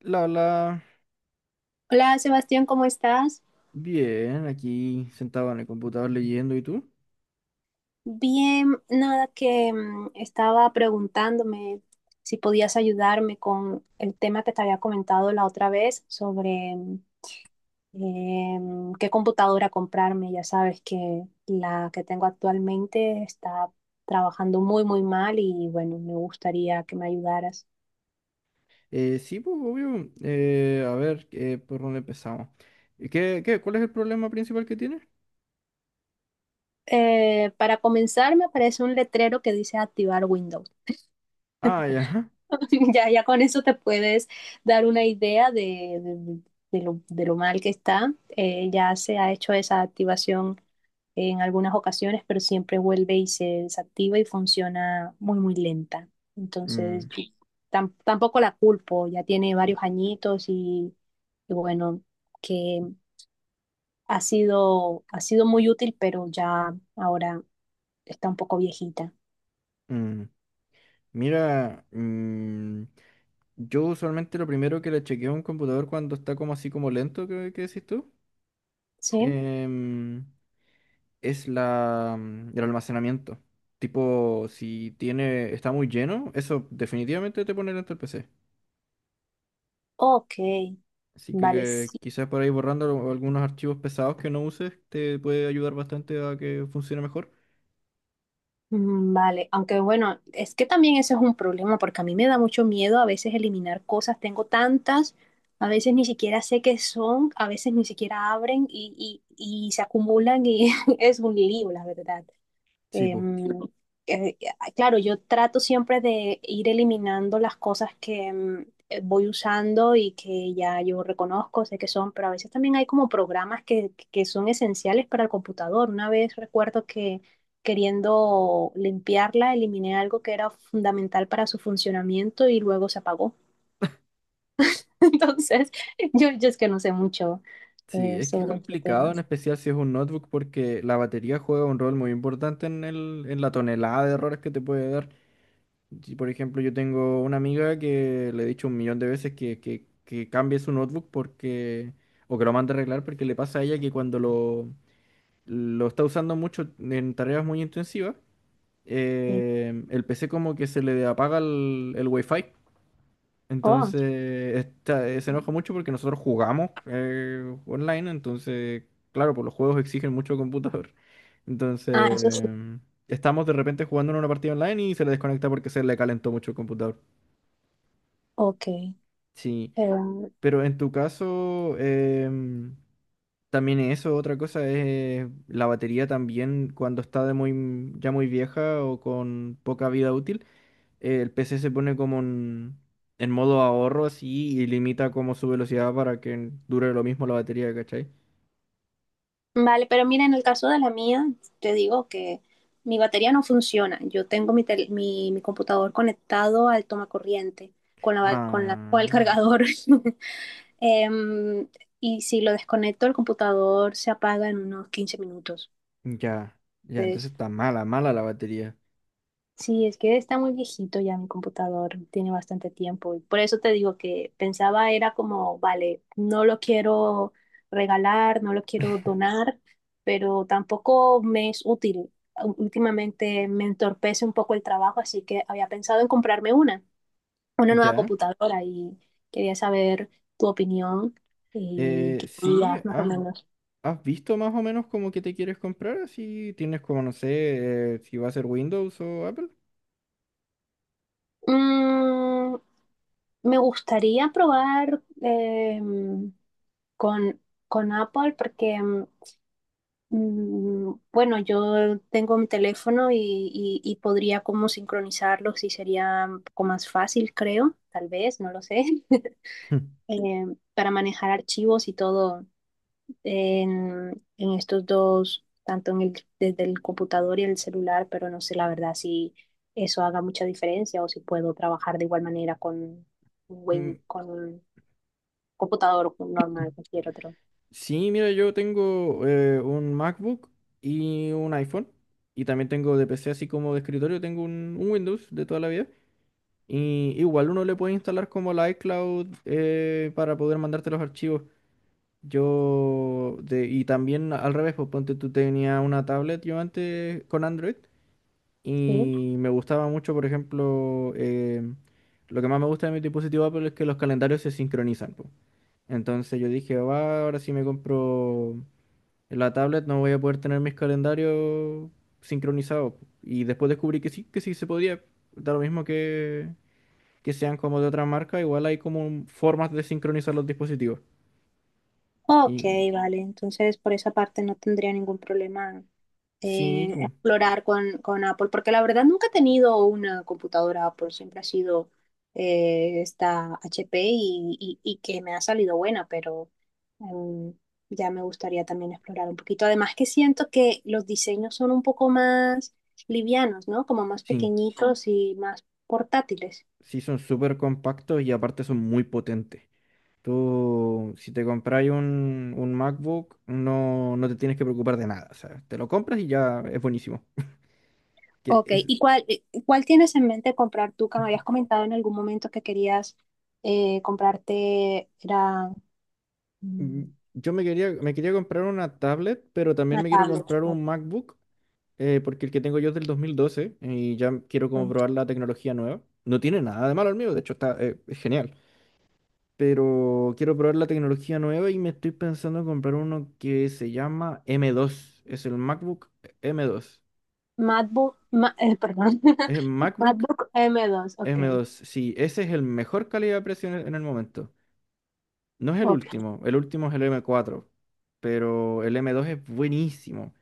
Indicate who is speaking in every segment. Speaker 1: La, la,
Speaker 2: Hola Sebastián, ¿cómo estás?
Speaker 1: Bien, aquí sentado en el computador leyendo, ¿y tú?
Speaker 2: Bien, nada que estaba preguntándome si podías ayudarme con el tema que te había comentado la otra vez sobre qué computadora comprarme. Ya sabes que la que tengo actualmente está trabajando muy, muy mal y bueno, me gustaría que me ayudaras.
Speaker 1: Sí, pues, obvio. A ver, ¿por dónde empezamos? ¿ Cuál es el problema principal que tienes?
Speaker 2: Para comenzar, me aparece un letrero que dice activar Windows.
Speaker 1: Ah, ya. Ajá.
Speaker 2: Ya, ya con eso te puedes dar una idea de lo mal que está. Ya se ha hecho esa activación en algunas ocasiones, pero siempre vuelve y se desactiva y funciona muy, muy lenta. Entonces,
Speaker 1: Mm,
Speaker 2: yo tampoco la culpo, ya tiene varios añitos y bueno, que ha sido muy útil, pero ya ahora está un poco viejita.
Speaker 1: mm. Mira, yo usualmente lo primero que le chequeo a un computador cuando está como así como lento, ¿qué decís tú?
Speaker 2: ¿Sí?
Speaker 1: Em, es el almacenamiento. Tipo, si tiene, está muy lleno, eso definitivamente te pone lento el PC.
Speaker 2: Ok,
Speaker 1: Así
Speaker 2: vale.
Speaker 1: que quizás por ahí borrando algunos archivos pesados que no uses te puede ayudar bastante a que funcione mejor.
Speaker 2: Vale, aunque bueno, es que también ese es un problema porque a mí me da mucho miedo a veces eliminar cosas, tengo tantas, a veces ni siquiera sé qué son, a veces ni siquiera abren y se acumulan y es un lío, la verdad.
Speaker 1: Sí, pues.
Speaker 2: Em, eh, claro, yo trato siempre de ir eliminando las cosas que voy usando y que ya yo reconozco, sé que son, pero a veces también hay como programas que son esenciales para el computador. Una vez recuerdo que queriendo limpiarla, eliminé algo que era fundamental para su funcionamiento y luego se apagó. Entonces, yo es que no sé mucho
Speaker 1: Sí, es que es
Speaker 2: sobre los
Speaker 1: complicado, en
Speaker 2: temas.
Speaker 1: especial si es un notebook, porque la batería juega un rol muy importante en la tonelada de errores que te puede dar. Si, por ejemplo, yo tengo una amiga que le he dicho un millón de veces que cambie su notebook, porque o que lo mande a arreglar, porque le pasa a ella que cuando lo está usando mucho en tareas muy intensivas,
Speaker 2: Sí.
Speaker 1: el PC como que se le apaga el Wi-Fi.
Speaker 2: Oh,
Speaker 1: Entonces se enoja mucho porque nosotros jugamos online. Entonces, claro, pues los juegos exigen mucho computador.
Speaker 2: ah,
Speaker 1: Entonces,
Speaker 2: eso sí.
Speaker 1: estamos de repente jugando en una partida online y se le desconecta porque se le calentó mucho el computador.
Speaker 2: Ok.
Speaker 1: Sí,
Speaker 2: Eh,
Speaker 1: pero en tu caso, también eso, otra cosa es la batería también, cuando está de muy, ya muy vieja o con poca vida útil, el PC se pone como en modo ahorro así, y limita como su velocidad para que dure lo mismo la batería, ¿cachai?
Speaker 2: Vale, pero mira, en el caso de la mía, te digo que mi batería no funciona. Yo tengo mi computador conectado al tomacorriente con el
Speaker 1: Ah,
Speaker 2: cargador. Em, y si lo desconecto, el computador se apaga en unos 15 minutos.
Speaker 1: ya, ya, entonces
Speaker 2: Entonces,
Speaker 1: está mala, mala la batería.
Speaker 2: sí, es que está muy viejito ya mi computador, tiene bastante tiempo y por eso te digo que pensaba era como, vale, no lo quiero regalar, no lo quiero donar, pero tampoco me es útil. Últimamente me entorpece un poco el trabajo, así que había pensado en comprarme una nueva
Speaker 1: Ya,
Speaker 2: computadora y quería saber tu opinión y qué
Speaker 1: sí,
Speaker 2: digas más o
Speaker 1: has,
Speaker 2: menos.
Speaker 1: has visto más o menos como que te quieres comprar, así tienes como, no sé, si va a ser Windows o Apple.
Speaker 2: Mm, me gustaría probar... con, con Apple porque, bueno, yo tengo mi teléfono y, y podría como sincronizarlos y sería un poco más fácil, creo, tal vez, no lo sé, eh, para manejar archivos y todo en estos dos, tanto en el, desde el computador y el celular, pero no sé la verdad si eso haga mucha diferencia o si puedo trabajar de igual manera con,
Speaker 1: Mm,
Speaker 2: Con un computador normal, cualquier otro.
Speaker 1: sí, mira, yo tengo un MacBook y un iPhone. Y también tengo de PC así como de escritorio, tengo un Windows de toda la vida. Y igual uno le puede instalar como la iCloud, para poder mandarte los archivos. Y también al revés. Pues ponte tú tenías una tablet, yo antes con Android,
Speaker 2: Sí.
Speaker 1: y me gustaba mucho. Por ejemplo, lo que más me gusta de mi dispositivo Apple es que los calendarios se sincronizan, pues. Entonces yo dije, va, ahora si me compro la tablet no voy a poder tener mis calendarios sincronizados, po. Y después descubrí que sí se podía, da lo mismo que sean como de otra marca, igual hay como formas de sincronizar los dispositivos.
Speaker 2: Ok,
Speaker 1: Y
Speaker 2: vale. Entonces, por esa parte no tendría ningún problema
Speaker 1: sí,
Speaker 2: en
Speaker 1: pum,
Speaker 2: explorar con Apple, porque la verdad nunca he tenido una computadora Apple, siempre ha sido esta HP y, y que me ha salido buena, pero em, ya me gustaría también explorar un poquito. Además que siento que los diseños son un poco más livianos, ¿no? Como más
Speaker 1: sí,
Speaker 2: pequeñitos y más portátiles.
Speaker 1: sí son súper compactos y aparte son muy potentes. Tú, si te compras un MacBook, no, no te tienes que preocupar de nada. O sea, te lo compras y ya es buenísimo. Que
Speaker 2: Ok,
Speaker 1: es-
Speaker 2: ¿y cuál, cuál tienes en mente comprar tú? Que me habías comentado en algún momento que querías comprarte, era
Speaker 1: mm,
Speaker 2: mm,
Speaker 1: yo me quería comprar una tablet, pero también
Speaker 2: una
Speaker 1: me quiero
Speaker 2: tablet.
Speaker 1: comprar
Speaker 2: Ok.
Speaker 1: un MacBook, porque el que tengo yo es del 2012 y ya quiero como probar la tecnología nueva. No tiene nada de malo el mío, de hecho es genial. Pero quiero probar la tecnología nueva, y me estoy pensando en comprar uno que se llama M2. Es el MacBook M2.
Speaker 2: Perdón,
Speaker 1: Es el MacBook
Speaker 2: MacBook M2, ok,
Speaker 1: M2. Sí, ese es el mejor calidad-precio en el momento. No es
Speaker 2: ok,
Speaker 1: el último es el M4, pero el M2 es buenísimo.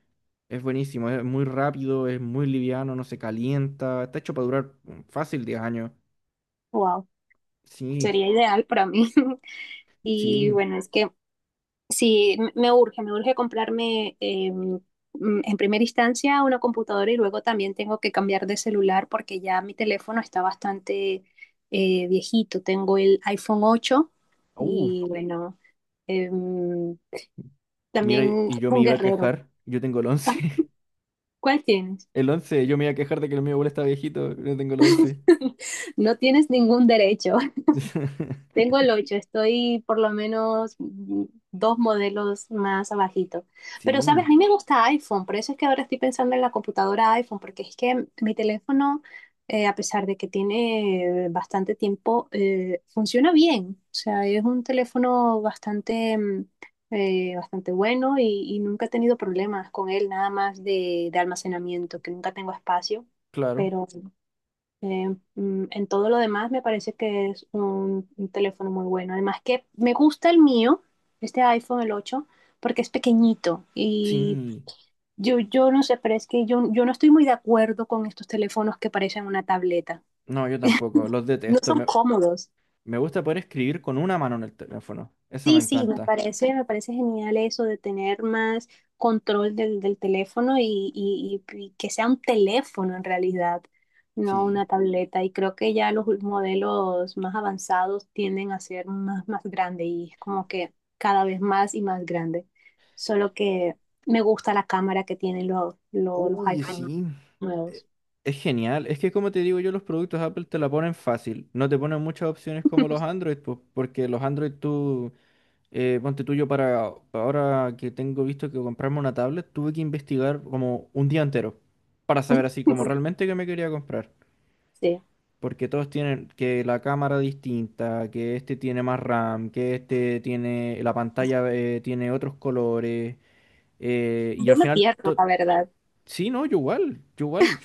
Speaker 1: Es buenísimo, es muy rápido, es muy liviano, no se calienta, está hecho para durar, fácil 10 años.
Speaker 2: wow,
Speaker 1: Sí,
Speaker 2: sería ideal para mí. Y
Speaker 1: sí.
Speaker 2: bueno, es que sí, me urge comprarme en primera instancia una computadora y luego también tengo que cambiar de celular porque ya mi teléfono está bastante viejito. Tengo el iPhone 8
Speaker 1: Uh,
Speaker 2: y bueno, em,
Speaker 1: Mira,
Speaker 2: también
Speaker 1: y yo me
Speaker 2: un
Speaker 1: iba a
Speaker 2: guerrero.
Speaker 1: quejar, yo tengo el
Speaker 2: Ah,
Speaker 1: 11.
Speaker 2: ¿cuál tienes?
Speaker 1: El once. Yo me iba a quejar de que el mío abuelo está viejito, no tengo el once.
Speaker 2: No tienes ningún derecho. Tengo el 8, estoy por lo menos dos modelos más abajito. Pero, ¿sabes?
Speaker 1: Sí,
Speaker 2: A mí me gusta iPhone, por eso es que ahora estoy pensando en la computadora iPhone, porque es que mi teléfono, a pesar de que tiene bastante tiempo, funciona bien. O sea, es un teléfono bastante, bastante bueno y nunca he tenido problemas con él, nada más de almacenamiento, que nunca tengo espacio,
Speaker 1: claro.
Speaker 2: pero... Eh, en todo lo demás me parece que es un teléfono muy bueno. Además que me gusta el mío, este iPhone, el 8 porque es pequeñito y
Speaker 1: Sí.
Speaker 2: yo no sé, pero es que yo no estoy muy de acuerdo con estos teléfonos que parecen una tableta.
Speaker 1: No, yo tampoco, los
Speaker 2: No
Speaker 1: detesto.
Speaker 2: son
Speaker 1: Me,
Speaker 2: cómodos.
Speaker 1: me gusta poder escribir con una mano en el teléfono. Eso me
Speaker 2: Sí, sí,
Speaker 1: encanta.
Speaker 2: me parece genial eso de tener más control del, del teléfono y que sea un teléfono en realidad, no
Speaker 1: Sí.
Speaker 2: una tableta. Y creo que ya los modelos más avanzados tienden a ser más, más grande y es como que cada vez más y más grande. Solo que me gusta la cámara que tienen los
Speaker 1: Uy,
Speaker 2: iPhone
Speaker 1: sí. Eh,
Speaker 2: nuevos.
Speaker 1: Es genial. Es que como te digo yo, los productos Apple te la ponen fácil. No te ponen muchas opciones como los Android, pues, porque los Android tú... Ponte tuyo, para ahora que tengo visto que comprarme una tablet, tuve que investigar como un día entero para saber así como realmente qué me quería comprar.
Speaker 2: Sí.
Speaker 1: Porque todos tienen que la cámara distinta, que este tiene más RAM, que este tiene la pantalla, tiene otros colores. Y al
Speaker 2: Yo me
Speaker 1: final,
Speaker 2: pierdo, la verdad.
Speaker 1: sí, no, yo igual, yo igual.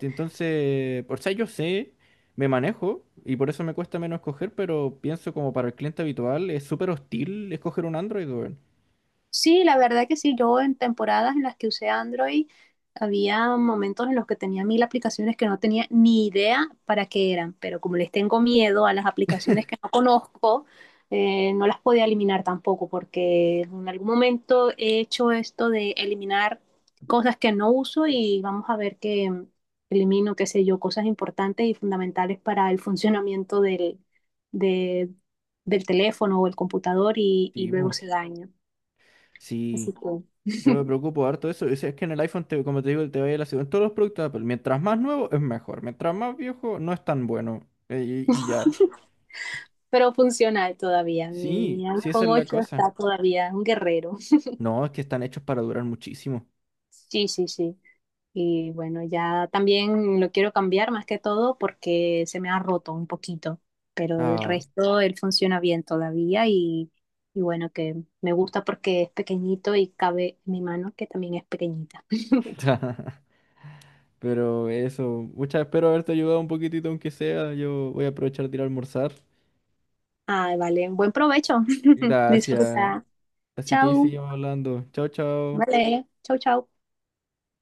Speaker 1: Entonces, por sea, yo sé, me manejo y por eso me cuesta menos escoger, pero pienso como para el cliente habitual es súper hostil escoger un Android, weón.
Speaker 2: Sí, la verdad que sí. Yo en temporadas en las que usé Android, había momentos en los que tenía 1000 aplicaciones que no tenía ni idea para qué eran, pero como les tengo miedo a las aplicaciones que no conozco, no las podía eliminar tampoco, porque en algún momento he hecho esto de eliminar cosas que no uso y vamos a ver que elimino, qué sé yo, cosas importantes y fundamentales para el funcionamiento de- del teléfono o el computador y
Speaker 1: Sí, po.
Speaker 2: luego se daña. Así
Speaker 1: Sí,
Speaker 2: que,
Speaker 1: yo me preocupo harto de eso. Es que en el iPhone, como te digo, te vaya la segunda. En todos los productos de Apple, mientras más nuevo es mejor. Mientras más viejo no es tan bueno. Y ya.
Speaker 2: pero funcional todavía. Mi
Speaker 1: Sí, sí, esa
Speaker 2: iPhone
Speaker 1: es la
Speaker 2: ocho
Speaker 1: cosa.
Speaker 2: está todavía un guerrero.
Speaker 1: No, es que están hechos para durar muchísimo.
Speaker 2: Sí, sí, sí. Y bueno, ya también lo quiero cambiar más que todo porque se me ha roto un poquito, pero del
Speaker 1: Ah.
Speaker 2: resto él funciona bien todavía y bueno, que me gusta porque es pequeñito y cabe en mi mano que también es pequeñita.
Speaker 1: Pero eso, muchas espero haberte ayudado un poquitito, aunque sea. Yo voy a aprovechar de ir a almorzar.
Speaker 2: Ah, vale, buen provecho.
Speaker 1: Gracias.
Speaker 2: Disfruta.
Speaker 1: Así que ahí
Speaker 2: Chao.
Speaker 1: seguimos hablando. Chao, chao.
Speaker 2: Vale, chao, chao.